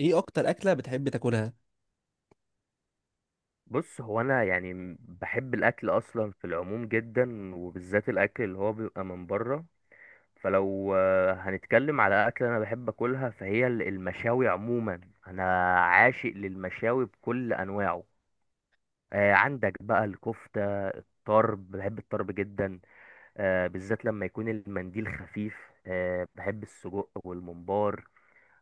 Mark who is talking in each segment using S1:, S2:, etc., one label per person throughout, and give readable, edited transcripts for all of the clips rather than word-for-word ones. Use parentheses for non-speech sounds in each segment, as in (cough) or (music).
S1: ايه اكتر اكله بتحب تاكلها؟
S2: بص، هو انا يعني بحب الاكل اصلا في العموم جدا، وبالذات الاكل اللي هو بيبقى من بره. فلو هنتكلم على اكل انا بحب اكلها، فهي المشاوي عموما. انا عاشق للمشاوي بكل انواعه. عندك بقى الكفتة الطرب، بحب الطرب جدا. بالذات لما يكون المنديل خفيف. بحب السجق والممبار.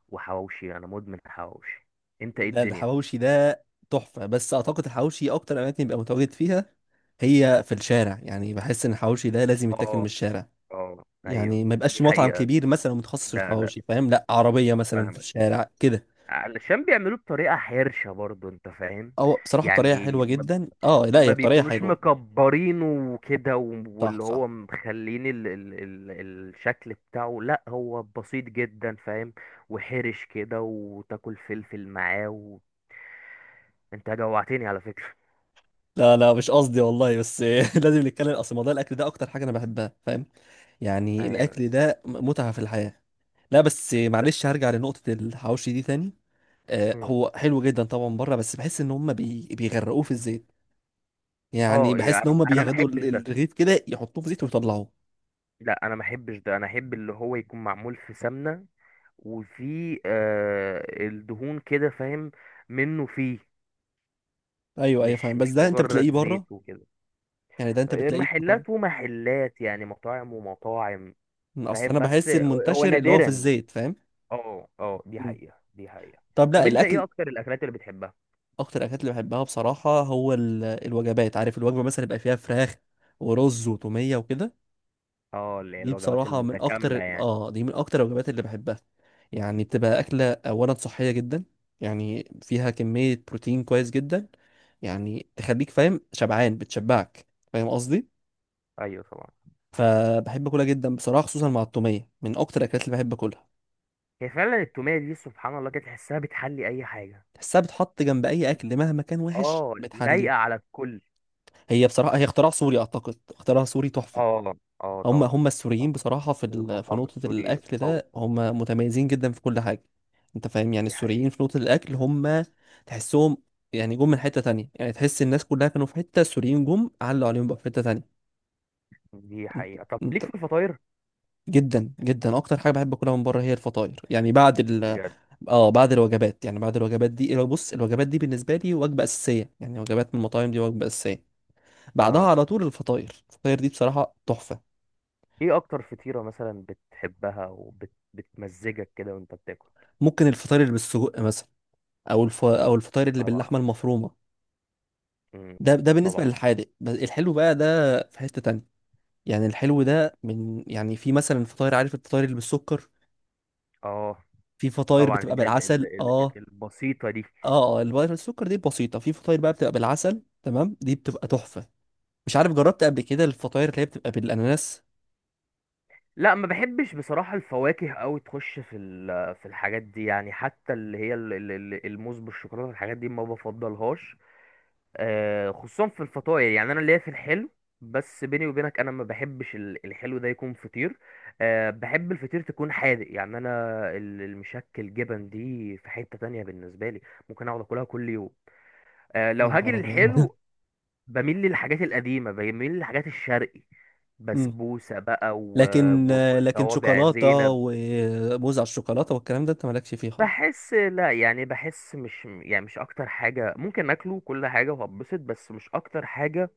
S2: وحواوشي، انا مدمن حواوشي. انت ايه
S1: ده
S2: الدنيا؟
S1: الحواوشي ده تحفه، بس اعتقد الحواوشي اكتر اماكن بيبقى متواجد فيها هي في الشارع. يعني بحس ان الحواوشي ده لازم يتاكل من
S2: اه،
S1: الشارع،
S2: اه، ايوه.
S1: يعني ما
S2: دي
S1: يبقاش مطعم
S2: حقيقة.
S1: كبير مثلا متخصص في
S2: لا، لا.
S1: الحواوشي، فاهم؟ لا، عربيه مثلا في
S2: فاهمك.
S1: الشارع كده.
S2: علشان بيعملوه بطريقة حرشة برضو، انت فاهم.
S1: او بصراحه بطريقه
S2: يعني
S1: حلوه
S2: ما
S1: جدا. اه، لا
S2: ما
S1: هي بطريقه
S2: بيكونوش
S1: حلوه.
S2: مكبرينه. وكده،
S1: صح
S2: واللي هو
S1: صح.
S2: مخلين ال ال ال الشكل بتاعه، لا هو بسيط جدا، فاهم. وحرش كده، وتاكل فلفل معاه. انت جوعتني على فكرة.
S1: لا مش قصدي والله بس (laughs) لازم نتكلم، اصل موضوع الاكل ده اكتر حاجه انا بحبها، فاهم؟ يعني
S2: ايوه.
S1: الاكل ده متعه في الحياه. لا بس
S2: ده-
S1: معلش هرجع لنقطه الحواوشي دي تاني.
S2: مم.
S1: هو حلو جدا طبعا بره، بس بحس ان هم بيغرقوه في الزيت. يعني
S2: اه،
S1: بحس
S2: يعني
S1: ان
S2: انا
S1: هم
S2: انا ما
S1: بياخدوا
S2: احبش ده.
S1: الرغيف كده يحطوه في زيت ويطلعوه.
S2: لا، انا ما احبش ده، انا احب اللي هو يكون معمول في سمنة. وفي الدهون كده، فاهم. منه فيه.
S1: ايوه ايوه
S2: مش
S1: فاهم، بس
S2: مش
S1: ده انت بتلاقيه
S2: مجرد
S1: بره،
S2: زيت وكده.
S1: يعني ده انت بتلاقيه طبعا.
S2: محلات ومحلات، يعني مطاعم ومطاعم.
S1: اصل
S2: فاهم،
S1: انا
S2: بس
S1: بحس
S2: هو
S1: المنتشر اللي هو في
S2: نادرا.
S1: الزيت، فاهم؟
S2: اه، اه، دي
S1: مم.
S2: حقيقة، دي حقيقة.
S1: طب
S2: طب
S1: لا
S2: انت ايه
S1: الاكل.
S2: اكتر الاكلات اللي بتحبها؟
S1: اكتر الاكلات اللي بحبها بصراحه هو الوجبات، عارف؟ الوجبه مثلا يبقى فيها فراخ ورز وتوميه وكده.
S2: اه، اللي هي
S1: دي
S2: الوجبات
S1: بصراحة من
S2: المتكاملة
S1: أكتر،
S2: يعني.
S1: آه دي من أكتر الوجبات اللي بحبها. يعني بتبقى أكلة أولا صحية جدا، يعني فيها كمية بروتين كويس جدا، يعني تخليك فاهم شبعان، بتشبعك، فاهم قصدي؟
S2: ايوه، طبعا.
S1: فبحب أكلها جدا بصراحة، خصوصا مع التومية من أكتر الأكلات اللي بحب أكلها.
S2: هي فعلا التومية دي سبحان الله كده، تحسها بتحلي اي حاجة.
S1: تحسها بتحط جنب أي أكل مهما كان وحش
S2: اه،
S1: بتحليه.
S2: لايقة على الكل.
S1: هي بصراحة هي اختراع سوري، أعتقد اختراع سوري تحفة.
S2: اه، اه،
S1: هم
S2: طبعا،
S1: هم السوريين
S2: طبعا.
S1: بصراحة في في
S2: المطعم
S1: نقطة
S2: السوري
S1: الأكل
S2: قوي.
S1: ده هم متميزين جدا في كل حاجة. أنت فاهم؟ يعني
S2: دي
S1: السوريين
S2: حقيقة،
S1: في نقطة الأكل هم تحسهم يعني جم من حتة تانية. يعني تحس الناس كلها كانوا في حتة، السوريين جم علوا عليهم بقى في حتة تانية.
S2: دي
S1: أنت
S2: حقيقة. طب
S1: أنت
S2: ليك في الفطاير؟
S1: جدا جدا أكتر حاجة بحب أكلها من بره هي الفطاير، يعني بعد ال،
S2: بجد؟
S1: اه بعد الوجبات. يعني بعد الوجبات دي، بص الوجبات دي بالنسبة لي وجبة أساسية، يعني وجبات من المطاعم دي وجبة أساسية. بعدها
S2: اه،
S1: على طول الفطاير، الفطاير دي بصراحة تحفة.
S2: ايه اكتر فطيرة مثلا بتحبها وبتمزجك كده وانت بتاكل؟
S1: ممكن الفطاير اللي بالسجق مثلا، او او الفطاير اللي
S2: طبعا.
S1: باللحمه المفرومه.
S2: مم.
S1: ده بالنسبه
S2: طبعا.
S1: للحادق، بس الحلو بقى ده في حته تانية. يعني الحلو ده من، يعني في مثلا فطاير، عارف الفطاير اللي بالسكر؟
S2: اه،
S1: في فطاير
S2: طبعا،
S1: بتبقى
S2: ال ال ال
S1: بالعسل
S2: ال
S1: اه.
S2: البسيطة دي.
S1: اه اه الفطاير بالسكر دي بسيطه، في فطاير بقى بتبقى بالعسل، تمام، دي بتبقى تحفه. مش عارف جربت قبل كده الفطاير اللي هي بتبقى بالاناناس؟
S2: لا ما بحبش بصراحة الفواكه قوي تخش في في الحاجات دي، يعني حتى اللي هي الموز بالشوكولاتة، الحاجات دي ما بفضلهاش. خصوصا في الفطاير، يعني انا ليا في الحلو. بس بيني وبينك انا ما بحبش الحلو ده يكون فطير. بحب الفطير تكون حادق، يعني انا المشكل جبن دي في حتة تانية بالنسبة لي، ممكن اقعد اكلها كل يوم. لو
S1: يا
S2: هاجي
S1: نهار ابيض
S2: للحلو، بميل للحاجات القديمة، بميل للحاجات الشرقي.
S1: (laughs) أمم.
S2: بسبوسة بقى،
S1: لكن، لكن
S2: وصوابع
S1: شوكولاته
S2: زينب.
S1: وموز على الشوكولاته والكلام ده انت مالكش فيه خالص.
S2: بحس، لا يعني بحس، مش يعني، مش اكتر حاجة ممكن اكله كل حاجة وهبسط، بس مش اكتر حاجة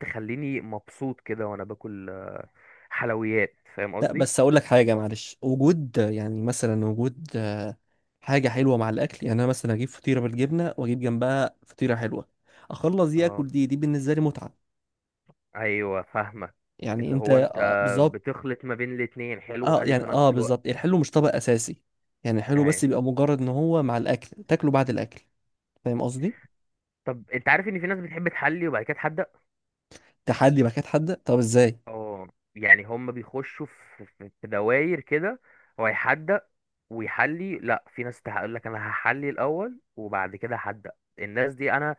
S2: تخليني مبسوط كده وانا باكل حلويات، فاهم
S1: لا
S2: قصدي.
S1: بس اقول لك حاجه معلش، وجود يعني مثلا وجود حاجه حلوه مع الاكل. يعني انا مثلا اجيب فطيره بالجبنه واجيب جنبها فطيره حلوه، اخلص دي اكل،
S2: اه،
S1: دي بالنسبه لي متعه.
S2: ايوه، فاهمك.
S1: يعني
S2: اللي
S1: انت
S2: هو انت
S1: آه بالظبط.
S2: بتخلط ما بين الاتنين، حلو
S1: اه
S2: وحادق في
S1: يعني اه
S2: نفس الوقت.
S1: بالظبط، الحلو مش طبق اساسي، يعني الحلو بس
S2: ايوه.
S1: بيبقى مجرد ان هو مع الاكل تاكله بعد الاكل، فاهم قصدي؟
S2: طب انت عارف ان في ناس بتحب تحلي وبعد كده تحدق؟
S1: تحدي باكات حاده، طب ازاي؟
S2: اه، يعني هم بيخشوا في دواير كده، هو يحدق ويحلي، لا في ناس تقول لك انا هحلي الاول وبعد كده هحدق. الناس دي انا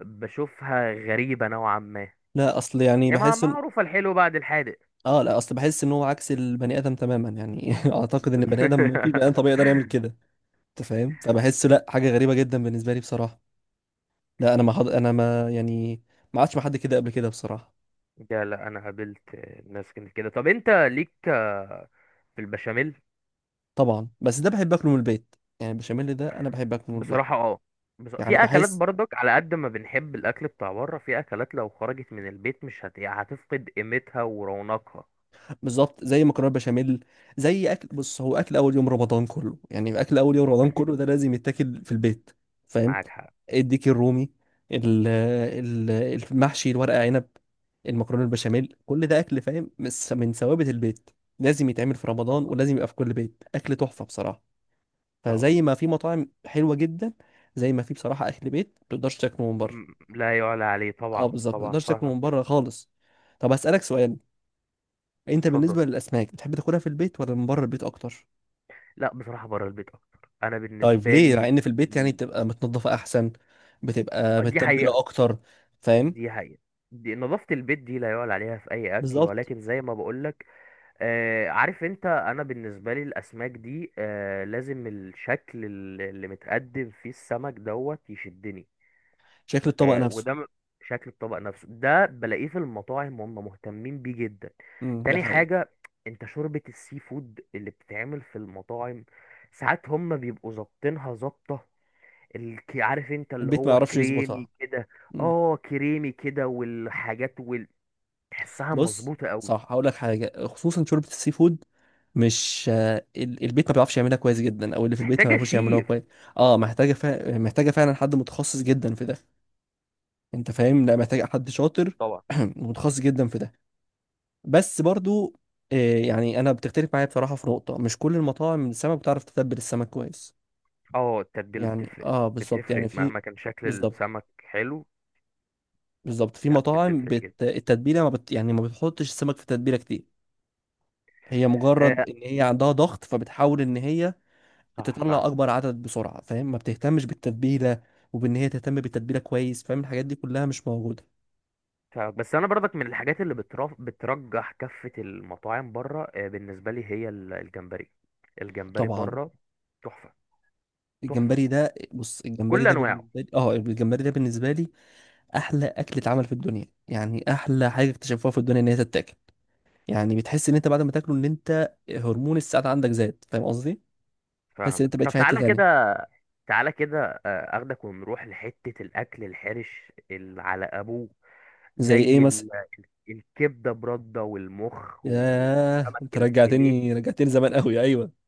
S2: بشوفها غريبة نوعا ما.
S1: لا اصل يعني
S2: يا ما
S1: بحس ان،
S2: معروفة الحلو بعد الحادق.
S1: اه لا اصل بحس ان هو عكس البني ادم تماما، يعني (laughs) اعتقد ان البني ادم، في بني ادم طبيعي يقدر يعمل
S2: (laughs)
S1: كده؟ انت فاهم؟ فبحس لا حاجه غريبه جدا بالنسبه لي بصراحه. لا انا ما حد... انا ما يعني ما عادش مع حد كده قبل كده بصراحه.
S2: لا، انا قابلت ناس كانت كده. طب انت ليك في البشاميل؟
S1: طبعا بس ده بحب اكله من البيت، يعني البشاميل ده انا بحب اكله من البيت.
S2: بصراحة، اه،
S1: يعني
S2: في اكلات
S1: بحس
S2: برضك على قد ما بنحب الاكل بتاع بره، في اكلات لو خرجت من البيت مش هت... يعني هتفقد قيمتها ورونقها.
S1: بالظبط زي مكرونه بشاميل، زي اكل، بص هو اكل اول يوم رمضان كله، يعني اكل اول يوم رمضان كله ده لازم يتاكل في البيت، فاهم؟
S2: معاك حق.
S1: الديك الرومي، ال- ال- المحشي، الورق عنب، المكرونه البشاميل، كل ده اكل فاهم من ثوابت البيت. لازم يتعمل في رمضان،
S2: طبعا،
S1: ولازم يبقى في كل بيت، اكل تحفه بصراحه.
S2: طبعا.
S1: فزي ما في مطاعم حلوه جدا، زي ما في بصراحه اكل بيت ما تقدرش تاكله من بره.
S2: لا يعلى عليه،
S1: اه
S2: طبعا،
S1: بالظبط ما
S2: طبعا،
S1: تقدرش تاكله
S2: فاهمك.
S1: من بره خالص. طب هسألك سؤال، انت
S2: اتفضل.
S1: بالنسبه للاسماك بتحب تاكلها في البيت ولا من بره البيت اكتر؟
S2: لا، بصراحة بره البيت اكتر، انا
S1: طيب
S2: بالنسبة
S1: ليه؟ مع
S2: لي.
S1: ان في البيت يعني
S2: ال-
S1: بتبقى متنظفه احسن، بتبقى
S2: دي حقيقة،
S1: متبله اكتر، فاهم؟
S2: دي حقيقة. دي نظافة البيت دي لا يعلى عليها في اي اكل،
S1: بالظبط
S2: ولكن زي ما بقولك عارف انت، انا بالنسبه لي الاسماك دي لازم الشكل اللي متقدم فيه السمك دوت يشدني.
S1: شكل الطبق نفسه.
S2: وده شكل الطبق نفسه ده بلاقيه في المطاعم، هم مهتمين بيه جدا.
S1: دي
S2: تاني
S1: حقيقه.
S2: حاجه، انت شوربه السي فود اللي بتتعمل في المطاعم ساعات هم بيبقوا ظابطينها ظابطه، عارف انت، اللي
S1: البيت ما
S2: هو
S1: يعرفش يظبطها.
S2: كريمي كده.
S1: امم.
S2: اه، كريمي كده، والحاجات تحسها
S1: بص
S2: مظبوطه قوي.
S1: صح هقول لك حاجه، خصوصا شوربه السي فود، مش البيت ما بيعرفش يعملها كويس جدا، او اللي في البيت ما
S2: محتاجه
S1: بيعرفوش يعملوها
S2: شيف.
S1: كويس. اه محتاجه فعلا حد متخصص جدا في ده. انت فاهم؟ لا محتاجه حد شاطر
S2: طبعا.
S1: (clears throat) ومتخصص جدا في ده. بس برضو يعني انا بتختلف معايا بصراحه في نقطه، مش كل المطاعم السمك بتعرف تتبل السمك كويس.
S2: اه، التتبيل
S1: يعني
S2: بتفرق.
S1: اه بالظبط، يعني
S2: بتفرق
S1: في،
S2: مهما كان شكل
S1: بالظبط
S2: السمك حلو.
S1: بالظبط، في
S2: لا،
S1: مطاعم
S2: بتفرق جدا.
S1: التتبيله ما بت... يعني ما بتحطش السمك في تتبيله كتير. هي مجرد
S2: آه
S1: ان هي عندها ضغط فبتحاول ان هي
S2: صح،
S1: تطلع اكبر
S2: فاهمك.
S1: عدد بسرعه، فاهم؟ ما بتهتمش بالتتبيله، وبان هي تهتم بالتتبيله كويس، فاهم؟ الحاجات دي كلها مش موجوده.
S2: فاهمك. بس انا برضك من الحاجات اللي بترجح كفة المطاعم بره، بالنسبة لي هي الجمبري. الجمبري
S1: طبعا
S2: بره، تحفة. تحفة
S1: الجمبري ده، بص الجمبري
S2: بكل
S1: ده
S2: انواعه.
S1: بالنسبه لي اه، الجمبري ده بالنسبه لي احلى اكل اتعمل في الدنيا. يعني احلى حاجه اكتشفوها في الدنيا ان هي تتاكل، يعني بتحس ان انت بعد ما تاكله ان انت هرمون السعاده عندك زاد، فاهم قصدي؟ تحس ان
S2: فاهمك،
S1: انت بقيت
S2: طب
S1: في حته
S2: تعالى كده.
S1: تانية.
S2: تعالى كده، اخدك ونروح لحتة الاكل الحرش اللي على ابوه،
S1: زي ايه
S2: زي
S1: مثلا؟
S2: الكبدة برده والمخ
S1: ياه
S2: والسمك
S1: انت
S2: الفيليه.
S1: رجعتني، رجعتني زمان قوي، ايوه.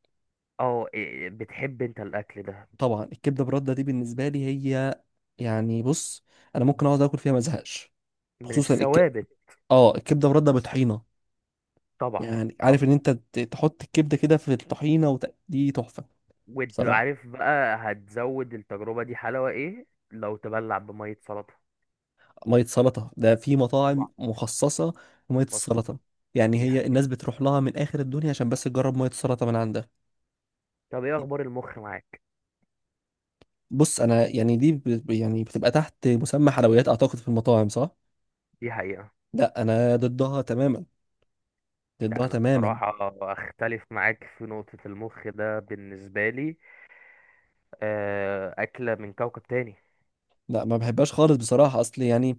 S2: اه، إيه، بتحب انت الاكل ده؟
S1: طبعا الكبده برده دي بالنسبه لي هي، يعني بص انا ممكن اقعد اكل فيها ما ازهقش.
S2: من
S1: خصوصا
S2: الثوابت.
S1: اه الكبده برده بطحينه.
S2: طبعا،
S1: يعني عارف
S2: طبعا.
S1: ان انت تحط الكبده كده في الطحينه دي تحفه.
S2: وانت
S1: بصراحه
S2: عارف بقى هتزود التجربة دي حلاوة ايه؟ لو تبلع بمية سلطة.
S1: ميه سلطه ده في مطاعم
S2: طبعا.
S1: مخصصه لميه
S2: مخصصة.
S1: السلطه. يعني
S2: دي
S1: هي
S2: حقيقة.
S1: الناس بتروح لها من اخر الدنيا عشان بس تجرب ميه السلطه من عندها.
S2: طب ايه اخبار المخ معاك؟
S1: بص انا يعني يعني بتبقى تحت مسمى حلويات اعتقد في المطاعم، صح؟
S2: دي حقيقة.
S1: لا انا ضدها تماما،
S2: ده
S1: ضدها
S2: انا
S1: تماما.
S2: بصراحة اختلف معاك في نقطة المخ ده، بالنسبة لي اكلة من كوكب تاني.
S1: لا ما بحبهاش خالص بصراحه، اصل يعني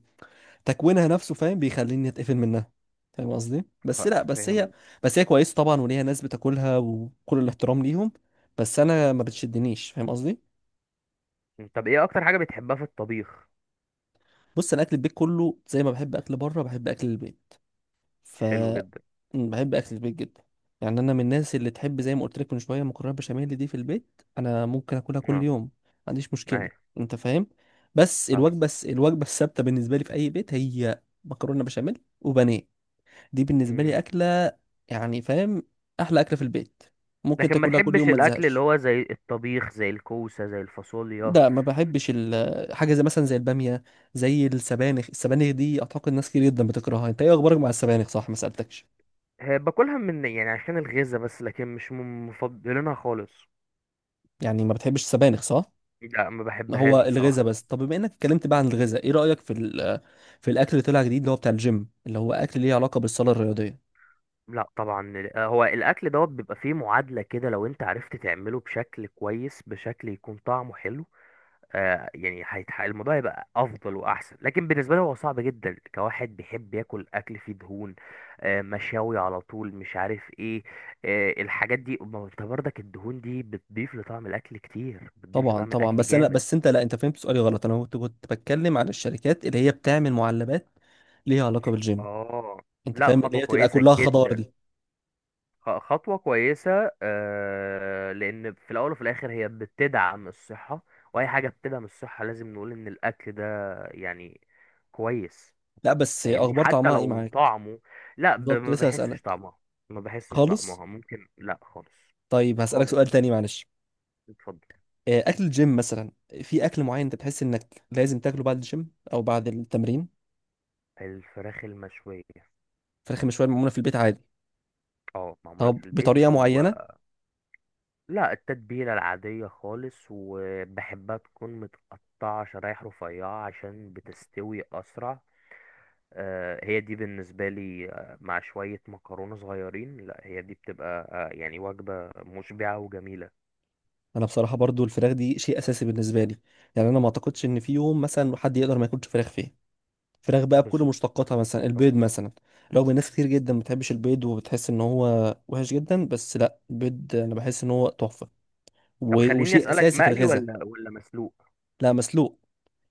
S1: تكوينها نفسه فاهم بيخليني اتقفل منها، فاهم قصدي؟ بس
S2: ف-
S1: لا بس هي،
S2: فاهم.
S1: بس هي كويسه طبعا وليها ناس بتاكلها وكل الاحترام ليهم، بس انا ما بتشدنيش، فاهم قصدي؟
S2: طب ايه اكتر حاجة بتحبها في الطبيخ؟
S1: بص انا اكل البيت كله زي ما بحب اكل بره بحب اكل البيت، ف،
S2: حلو جدا.
S1: بحب اكل البيت جدا. يعني انا من الناس اللي تحب، زي ما قلت لك من شويه، مكرونه بشاميل دي في البيت انا ممكن اكلها كل
S2: اه،
S1: يوم، ما عنديش مشكله،
S2: ايوه،
S1: انت فاهم؟ بس الوجبه الوجبه الثابته بالنسبه لي في اي بيت هي مكرونه بشاميل وبانيه. دي بالنسبه لي
S2: فاهمك.
S1: اكله يعني، فاهم؟ احلى اكله في البيت، ممكن
S2: لكن ما
S1: تاكلها كل
S2: تحبش
S1: يوم ما
S2: الاكل اللي
S1: تزهقش.
S2: هو زي الطبيخ زي الكوسه زي الفاصوليا؟
S1: ده ما بحبش حاجه زي مثلا زي الباميه، زي السبانخ. السبانخ دي اعتقد ناس كتير جدا بتكرهها. انت ايه اخبارك مع السبانخ؟ صح، ما سالتكش.
S2: باكلها من يعني عشان الغذا، بس لكن مش من مفضلينها خالص.
S1: يعني ما بتحبش السبانخ، صح؟
S2: لا ما بحبهاش
S1: هو
S2: بصراحه،
S1: الغذاء بس.
S2: بس.
S1: طب بما انك اتكلمت بقى عن الغذاء، ايه رايك في في الاكل اللي طلع جديد اللي هو بتاع الجيم، اللي هو اكل ليه علاقه بالصاله الرياضيه؟
S2: لا، طبعا، هو الاكل دوت بيبقى فيه معادله كده، لو انت عرفت تعمله بشكل كويس، بشكل يكون طعمه حلو. يعني الموضوع هيبقى افضل واحسن، لكن بالنسبه لي هو صعب جدا كواحد بيحب ياكل اكل فيه دهون، مشاوي على طول، مش عارف ايه، الحاجات دي. ما هو انت برضك الدهون دي بتضيف لطعم الاكل كتير، بتضيف
S1: طبعا
S2: لطعم
S1: طبعا،
S2: الاكل
S1: بس انا
S2: جامد.
S1: بس انت، لا انت فهمت سؤالي غلط، انا كنت بتكلم عن الشركات اللي هي بتعمل معلبات ليها علاقه بالجيم،
S2: اه،
S1: انت
S2: لا،
S1: فاهم؟ اللي
S2: خطوه
S1: هي تبقى
S2: كويسه
S1: كلها خضار
S2: جدا.
S1: دي.
S2: خطوه كويسه، لان في الاول وفي الاخر هي بتدعم الصحه، واي حاجه بتدعم الصحه لازم نقول ان الاكل ده يعني كويس.
S1: لا بس
S2: فاهمني
S1: اخبار
S2: حتى
S1: طعمها ايه
S2: لو
S1: معاك؟
S2: طعمه. لا،
S1: بالظبط
S2: ما
S1: لسه
S2: بحسش
S1: هسالك.
S2: طعمها. ما بحسش
S1: خالص.
S2: طعمها ممكن، لا، خالص.
S1: طيب هسألك سؤال
S2: خالص.
S1: تاني معلش،
S2: اتفضل.
S1: أكل الجيم مثلا، في أكل معين أنت تحس إنك لازم تاكله بعد الجيم أو بعد التمرين؟
S2: الفراخ المشوية.
S1: فراخ مشوية معمولة في البيت عادي؟
S2: اه، معمولة
S1: طب
S2: في البيت،
S1: بطريقة
S2: او.
S1: معينة؟
S2: لا، التتبيلة العادية خالص، وبحبها تكون متقطعة شرايح رفيعة عشان بتستوي اسرع. هي دي بالنسبة لي مع شوية مكرونة صغيرين، لا هي دي بتبقى يعني وجبة مشبعة وجميلة.
S1: أنا بصراحة برضو الفراخ دي شيء أساسي بالنسبة لي، يعني أنا ما أعتقدش إن في يوم مثلا حد يقدر ما ياكلش فراخ فيه. فراخ بقى بكل
S2: بالظبط.
S1: مشتقاتها، مثلا البيض مثلا، رغم إن ناس كتير جدا ما بتحبش البيض وبتحس إن هو وحش جدا، بس لا البيض أنا بحس إن هو تحفة
S2: طب
S1: و،
S2: خليني
S1: وشيء
S2: اسألك،
S1: أساسي في
S2: مقلي
S1: الغذاء.
S2: ولا مسلوق؟
S1: لا مسلوق،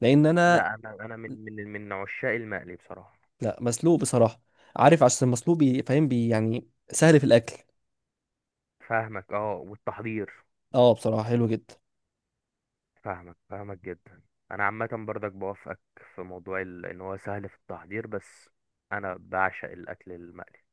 S1: لأن أنا،
S2: لا، انا من عشاق المقلي بصراحه.
S1: لا مسلوق بصراحة. عارف عشان مسلوق فاهم بي يعني سهل في الأكل.
S2: فاهمك، اه، والتحضير.
S1: اه بصراحة حلو جدا.
S2: فاهمك، فاهمك جدا. انا عامه برضك بوافقك في موضوع ان هو سهل في التحضير، بس انا بعشق الاكل المقلي.